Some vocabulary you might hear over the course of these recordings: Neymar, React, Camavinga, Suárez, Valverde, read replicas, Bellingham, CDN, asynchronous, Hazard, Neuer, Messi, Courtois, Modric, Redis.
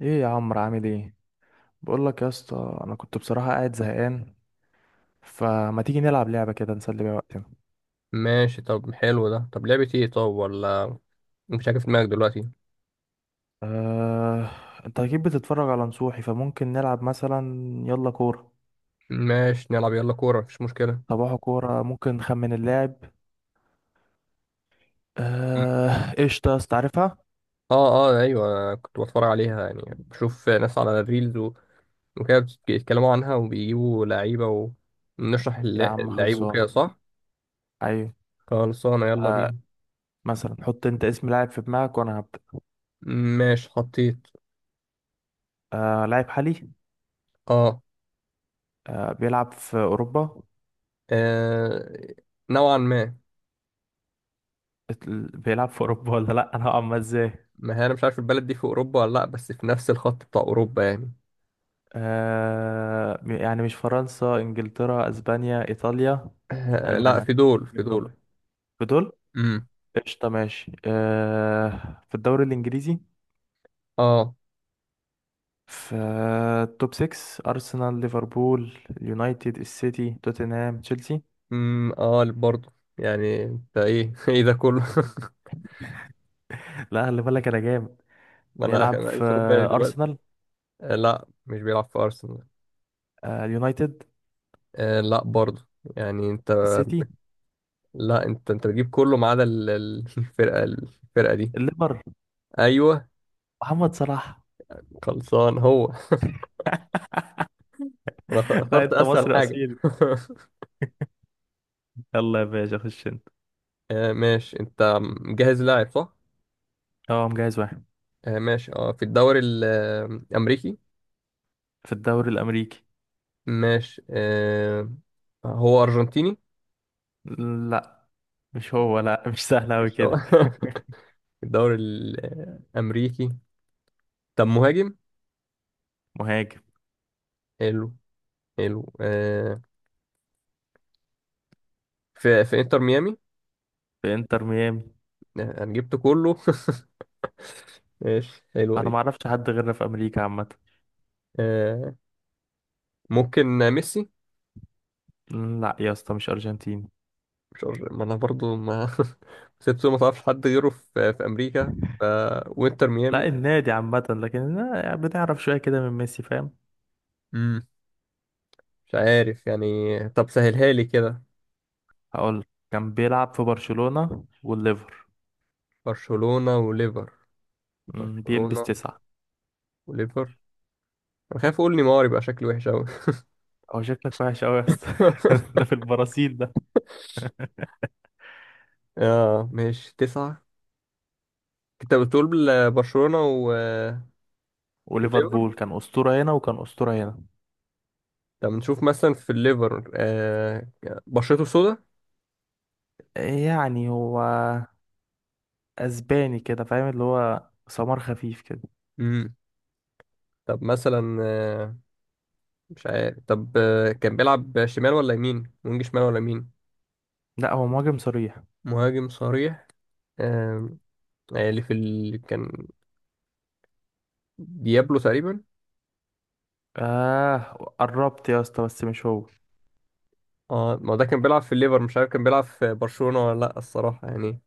ايه يا عمرو؟ عامل ايه؟ بقول لك يا اسطى، انا كنت بصراحه قاعد زهقان. فما تيجي نلعب لعبه كده نسلي بيها وقتنا؟ ماشي، طب حلو ده، طب لعبة ايه؟ طب ولا مش عارف دماغك دلوقتي. آه... انت اكيد بتتفرج على نصوحي، فممكن نلعب مثلا، يلا كوره. ماشي، نلعب يلا كورة، مفيش مشكلة. صباحو كوره، ممكن نخمن اللاعب. قشطه يا اسطى، عارفها. اه، اه، ايوه، كنت بتفرج عليها، يعني بشوف ناس على الريلز وكده بيتكلموا عنها وبيجيبوا لعيبة ونشرح يا عم اللعيب وكده، خلصانه. صح؟ ايوه. خلصانة، يلا آه... بينا. مثلا حط انت اسم لاعب في دماغك وانا هبدا. ماشي، حطيت. لاعب حالي. اه. بيلعب في اوروبا. آه، نوعا ما. بيلعب في اوروبا ولا لا، انا هقعد ازاي؟ ما هي انا مش عارف البلد دي في اوروبا ولا لا، بس في نفس الخط بتاع اوروبا يعني. آه، يعني مش فرنسا، انجلترا، اسبانيا، ايطاليا، آه لا، المانيا؟ في دول، في منهم؟ دول. بدول؟ امم، قشطة ماشي، آه في الدوري الانجليزي، اه. في التوب 6: ارسنال، ليفربول، اليونايتد، السيتي، توتنهام، تشيلسي. امم، اه، برضه يعني انت ايه؟ ايه ده كله؟ لا خلي بالك انا جامد. ما انا بيلعب في لسه واخد بالي دلوقتي. ارسنال. آه لا، مش بيلعب في ارسنال. آه، اليونايتد. آه لا برضه، يعني انت. السيتي. لا، انت بتجيب كله ما عدا الفرقه دي. الليفر. ايوه، محمد صلاح. خلصان هو. انا لا اخترت انت اسهل مصري حاجه. اصيل، يلا يا باشا خش انت. آه ماشي، انت مجهز لاعب، صح؟ اه مجهز واحد. آه ماشي، اه، في الدوري الامريكي. في الدوري الامريكي. ماشي، آه. هو ارجنتيني؟ لا مش هو، لا مش سهل أوي مش هو. كده. في الدوري الامريكي. طب مهاجم؟ مهاجم. حلو. حلو، آه. في انتر ميامي؟ في انتر ميامي. آه، انا جبت كله. ماشي، حلو، انا ايه؟ ما اعرفش حد غيرنا في امريكا عامه. آه، ممكن ميسي؟ لا يا اسطى مش ارجنتيني. مش عارف- ما انا برضو ما. سيبته ما تعرفش حد غيره في امريكا وانتر ميامي. لا النادي عامه، لكن لا، يعني بنعرف شويه كده من ميسي، فاهم. مم. مش عارف يعني، طب سهلها لي كده. هقول لك. كان بيلعب في برشلونه والليفر. برشلونة وليفر؟ بيلبس برشلونة 9. وليفر. انا خايف اقول نيمار، يبقى شكله وحش قوي. هو شكلك وحش قوي يا اسطى. ده في البرازيل ده. اه ماشي، 9. كنت بتقول. برشلونة و... آه، وليفر. وليفربول كان اسطوره هنا، وكان اسطوره هنا. طب نشوف مثلا في الليفر، آه. بشرته سودا. يعني هو اسباني كده، فاهم، اللي هو سمار خفيف كده. امم. طب مثلا، آه. مش عارف طب، آه، كان بيلعب شمال ولا يمين؟ وينج شمال ولا يمين؟ لا هو مهاجم صريح. مهاجم صريح؟ آه. آه، اللي في كان ديابلو تقريبا. اه قربت يا اسطى، بس مش هو. اه، ما ده كان بيلعب في الليفر، مش عارف كان بيلعب في برشلونة ولا لا، الصراحة يعني.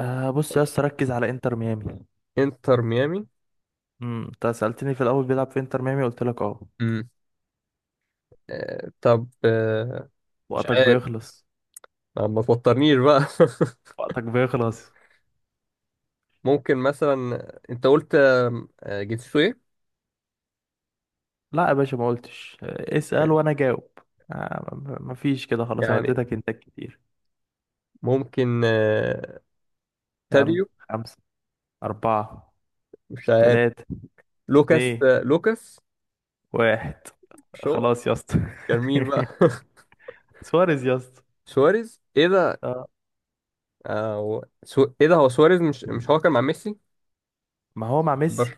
آه بص يا اسطى، ركز على انتر ميامي. انتر ميامي. انت سألتني في الاول بيلعب في انتر ميامي، قلت لك اه. امم. آه، طب، آه. مش وقتك عارف. بيخلص. ما توترنيش بقى. وقتك بيخلص. ممكن مثلا انت قلت جنسيته ايه؟ لا يا باشا ما قلتش، اسأل ماشي. وانا جاوب. آه م- مفيش كده، خلاص انا يعني اديتك انتك كتير. ممكن يلا تاديو؟ خمسة، أربعة، مش عارف. تلاتة، لوكاس اتنين، آه، لوكاس واحد. شو. خلاص يا اسطى. كان مين بقى؟ سواريز يا اسطى. سواريز؟ ايه ده. آه، آه، هو ايه ده، هو سواريز؟ مش هو كان مع ميسي. ما هو مع برش... ميسي.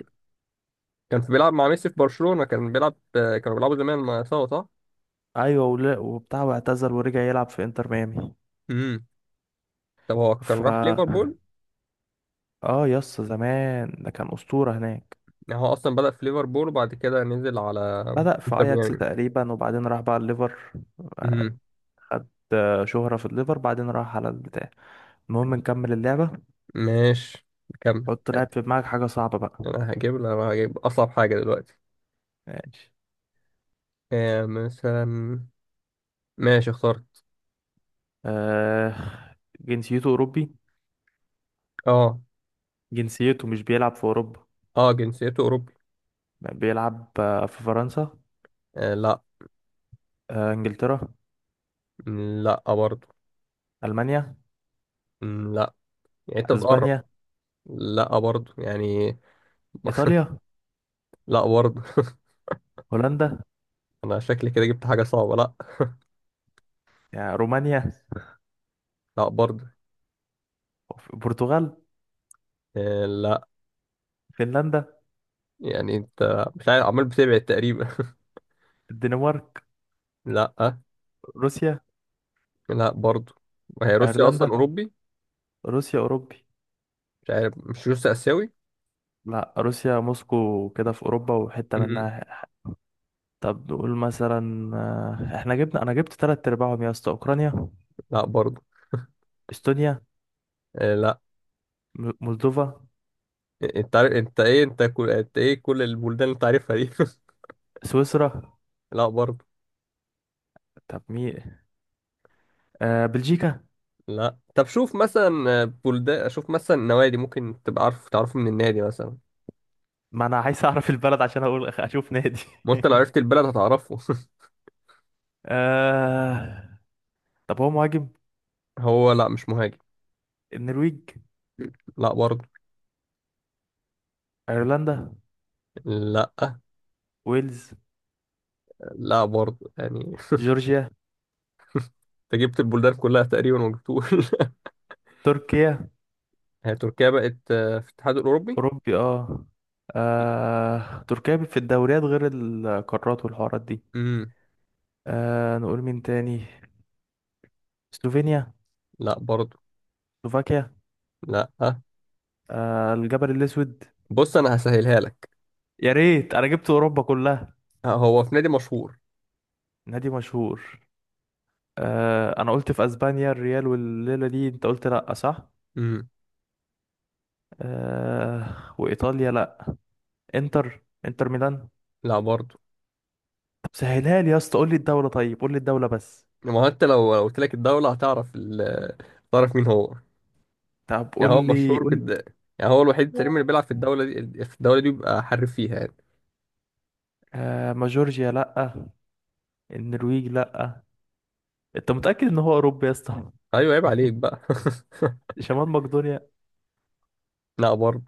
كان في بيلعب مع ميسي في برشلونة، كانوا بيلعبوا زمان مع سوا، صح؟ ايوه ولا وبتاع، واعتزل ورجع يلعب في انتر ميامي. امم. طب هو ف كان راح ليفربول؟ اه يس، زمان ده كان أسطورة هناك. يعني هو اصلا بدأ في ليفربول وبعد كده نزل على بدأ في انتر اياكس ميامي. تقريبا وبعدين راح بقى الليفر. امم. خد شهرة في الليفر بعدين راح على البتاع. المهم نكمل اللعبة. ماشي، كمل. حط لاعب في دماغك حاجة صعبة بقى. انا هجيب اصعب حاجة دلوقتي. ماشي. آه، مثلا. ماشي، اخترت. آه، جنسيته أوروبي. اه. جنسيته مش بيلعب في أوروبا. اه، جنسيته اوروبي. بيلعب في فرنسا. آه لا. آه إنجلترا. لا برضه. ألمانيا. لا. يعني انت بتقرب. أسبانيا. لا برضه يعني. إيطاليا. لا برضه. هولندا. انا شكلي كده جبت حاجة صعبة، لا. يعني رومانيا. لا برضه. البرتغال. آه لا. فنلندا. يعني انت مش عارف، عمال بتبعد تقريبا. الدنمارك. لا. روسيا. لا برضه. وهي روسيا اصلا أيرلندا. اوروبي؟ روسيا أوروبي؟ مش عارف، مش روسيا اسيوي؟ لا روسيا موسكو كده في اوروبا، وحته م، منها. طب نقول مثلا، احنا جبنا، انا جبت تلات ارباعهم يا اسطى. اوكرانيا. لا برضه. استونيا. آه لا. مولدوفا. انت عارف انت ايه، انت كل، انت ايه كل البلدان اللي انت عارفها دي؟ سويسرا. لا برضه. طب مين؟ آه بلجيكا. لا، طب شوف مثلا بلدان، شوف مثلا نوادي، ممكن تبقى عارف تعرفه من النادي مثلا. ما انا عايز اعرف البلد عشان اقول اشوف نادي. ما انت لو عرفت البلد هتعرفه. آه، طب هو مهاجم؟ هو لا، مش مهاجم. النرويج. لا برضه. ايرلندا. لا. ويلز. لا برضه يعني. جورجيا. انت جبت البلدان كلها تقريبا وما جبتوش. تركيا هي تركيا بقت في الاتحاد الاوروبي؟ اوروبي اه. آه، تركيا في الدوريات غير القارات والحوارات دي. امم. آه، نقول مين تاني. سلوفينيا. لا برضه. سلوفاكيا. لا، آه الجبل الأسود. بص انا هسهلها لك. يا ريت، أنا جبت أوروبا كلها. آه، هو في نادي مشهور. نادي مشهور. آه، أنا قلت في أسبانيا الريال والليلة دي أنت قلت لأ، صح؟ امم. آه وإيطاليا لأ. إنتر ميلان. لا برضه. طب سهلها لي يا اسطى، قول لي الدولة، طيب قول لي الدولة بس. ما هو انت لو قلت لك الدولة هتعرف هتعرف مين هو. طب يعني قول هو لي، مشهور قول لي. يعني هو الوحيد تقريبا، لا اللي بيلعب في الدولة دي، في الدولة دي بيبقى حريف فيها يعني. آه، ما جورجيا لأ. النرويج لأ. أنت متأكد إن هو أوروبا يا اسطى؟ ايوه، عيب عليك بقى. شمال مقدونيا. لا برضه.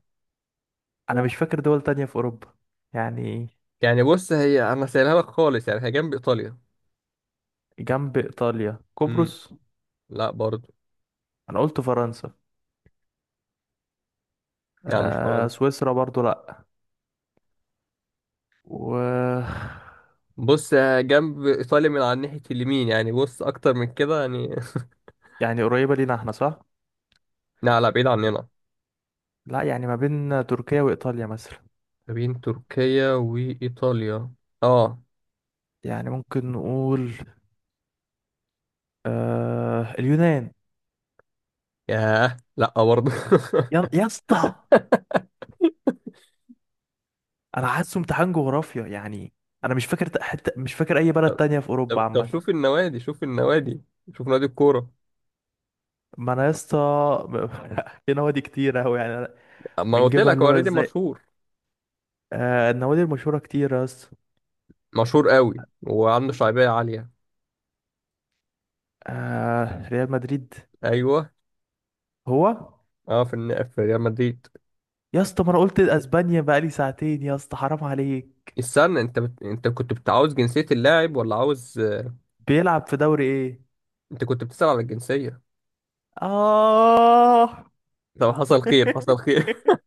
أنا مش فاكر دول تانية في أوروبا يعني. يعني بص، هي انا سايلها لك خالص، يعني هي جنب ايطاليا. جنب إيطاليا؟ امم. قبرص؟ لا برضه. أنا قلت فرنسا. يعني مش آه، فرنسا. سويسرا برضو لأ. و بص، آه، جنب ايطاليا من على ناحية اليمين، يعني بص اكتر من كده يعني. يعني قريبة لينا احنا، صح؟ لا، لا، بعيد عننا. لأ يعني ما بين تركيا وإيطاليا مثلا. ما بين تركيا وايطاليا. اه. يعني ممكن نقول، آه اليونان. ياه، لا برضه. يا اسطى، أنا حاسه امتحان جغرافيا يعني. أنا مش فاكر، حتى مش فاكر أي بلد طب تانية في طب أوروبا طب عامة. شوف النوادي، شوف النوادي. شوف نادي الكورة. ما أنا يا اسطى، في نوادي كتير أوي يعني أنا ما انا قلت بنجيبها، لك اللي هو هو نادي إزاي؟ مشهور. آه، النوادي المشهورة كتير يا اسطى. مشهور قوي. وعنده شعبية عالية. آه ريال مدريد. ايوه. هو. اه، في ريال مدريد. يا اسطى، ما انا قلت اسبانيا بقالي ساعتين يا اسطى، حرام عليك. استنى، انت كنت بتعاوز جنسية اللاعب ولا عاوز؟ بيلعب في دوري ايه؟ انت كنت بتسأل على الجنسية؟ اه. طب، حصل خير حصل خير.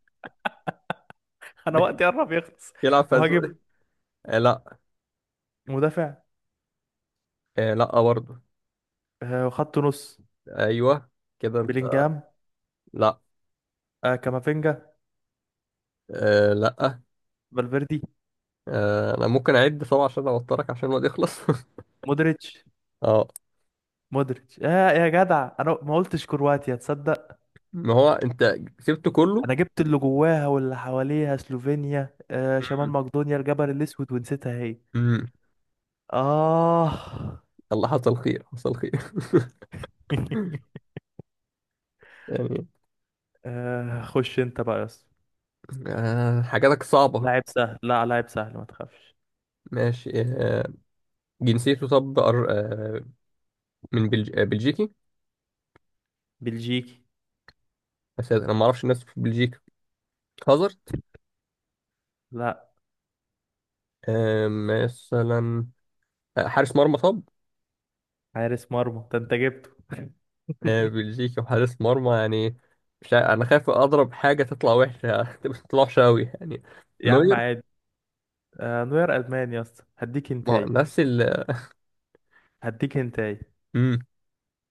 انا وقتي قرب يخلص. يلعب في مهاجم؟ اسبانيا. آه لا. مدافع؟ آه لا برضه. آه خط نص. ايوه. كده انت. بلينجهام. لا. آه كامافينجا. آه لا. فالفيردي. آه، انا ممكن اعد طبعا عشان اوترك، عشان الوقت يخلص. مودريتش. اه. مودريتش. آه، يا جدع انا ما قلتش كرواتيا، تصدق. ما هو انت سبته كله. انا جبت اللي جواها واللي حواليها: سلوفينيا، آه شمال مم. مقدونيا، الجبل الاسود، ونسيتها هي. مم. اه. الله، حصل خير حصل خير. يعني. آه، خش انت بقى يا اسطى. آه، حاجاتك صعبة. لاعب سهل، لا لاعب سهل ما تخافش. ماشي، آه. جنسيته، طب، آه، بلجيكي. بلجيكي. بس انا ما اعرفش الناس في بلجيكا. هازارد. لا، آه، مثلا. آه، حارس مرمى، طب. حارس مرمى ده انت جبته. آه، بلجيكي وحارس مرمى يعني. مش عا- انا خايف اضرب حاجه تطلع وحشه، تطلع وحشه قوي يعني. يا عم نوير. عادي. آه نوير ألمان يا اسطى، هديك ما هو هنتاي. نفس هديك هنتاي. مم.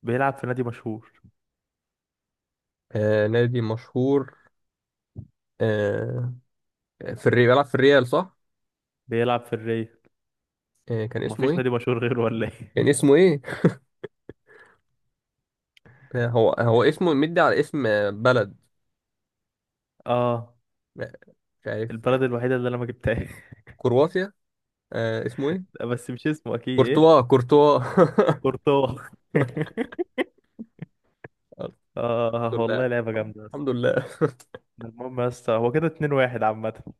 بيلعب في نادي مشهور. آه، نادي مشهور. آه، في الريال، بيلعب في الريال، صح؟ بيلعب في الري. آه، كان اسمه مفيش نادي ايه؟ مشهور غيره ولا كان ايه؟ اسمه ايه؟ آه، هو اسمه مدي على اسم بلد. اه. آه، مش عارف. البلد الوحيدة اللي انا ما جبتهاش. كرواتيا. آه، اسمه ايه؟ بس مش اسمه اكيد ايه. كورتوا، كورتوا. كورتوا. الحمد اه لله. والله لعبة جامدة يا اسطى. الحمد لله. المهم يا اسطى هو كده 2-1 عامة.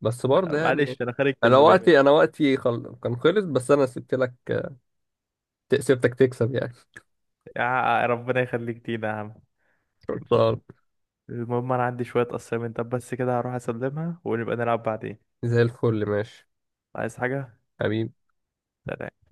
بس آه، برضه يعني. معلش انا خارج انا كسبان. وقتي انا وقتي كان خلص بس انا سبت لك. سبتك تكسب يعني. يا ربنا يخليك لينا يا عم. كورتوا. المهم انا عندي شوية assignment، طب بس كده هروح اسلمها ونبقى نلعب بعدين. زي الفل، ماشي. عايز حاجة؟ حبيبي. سلام.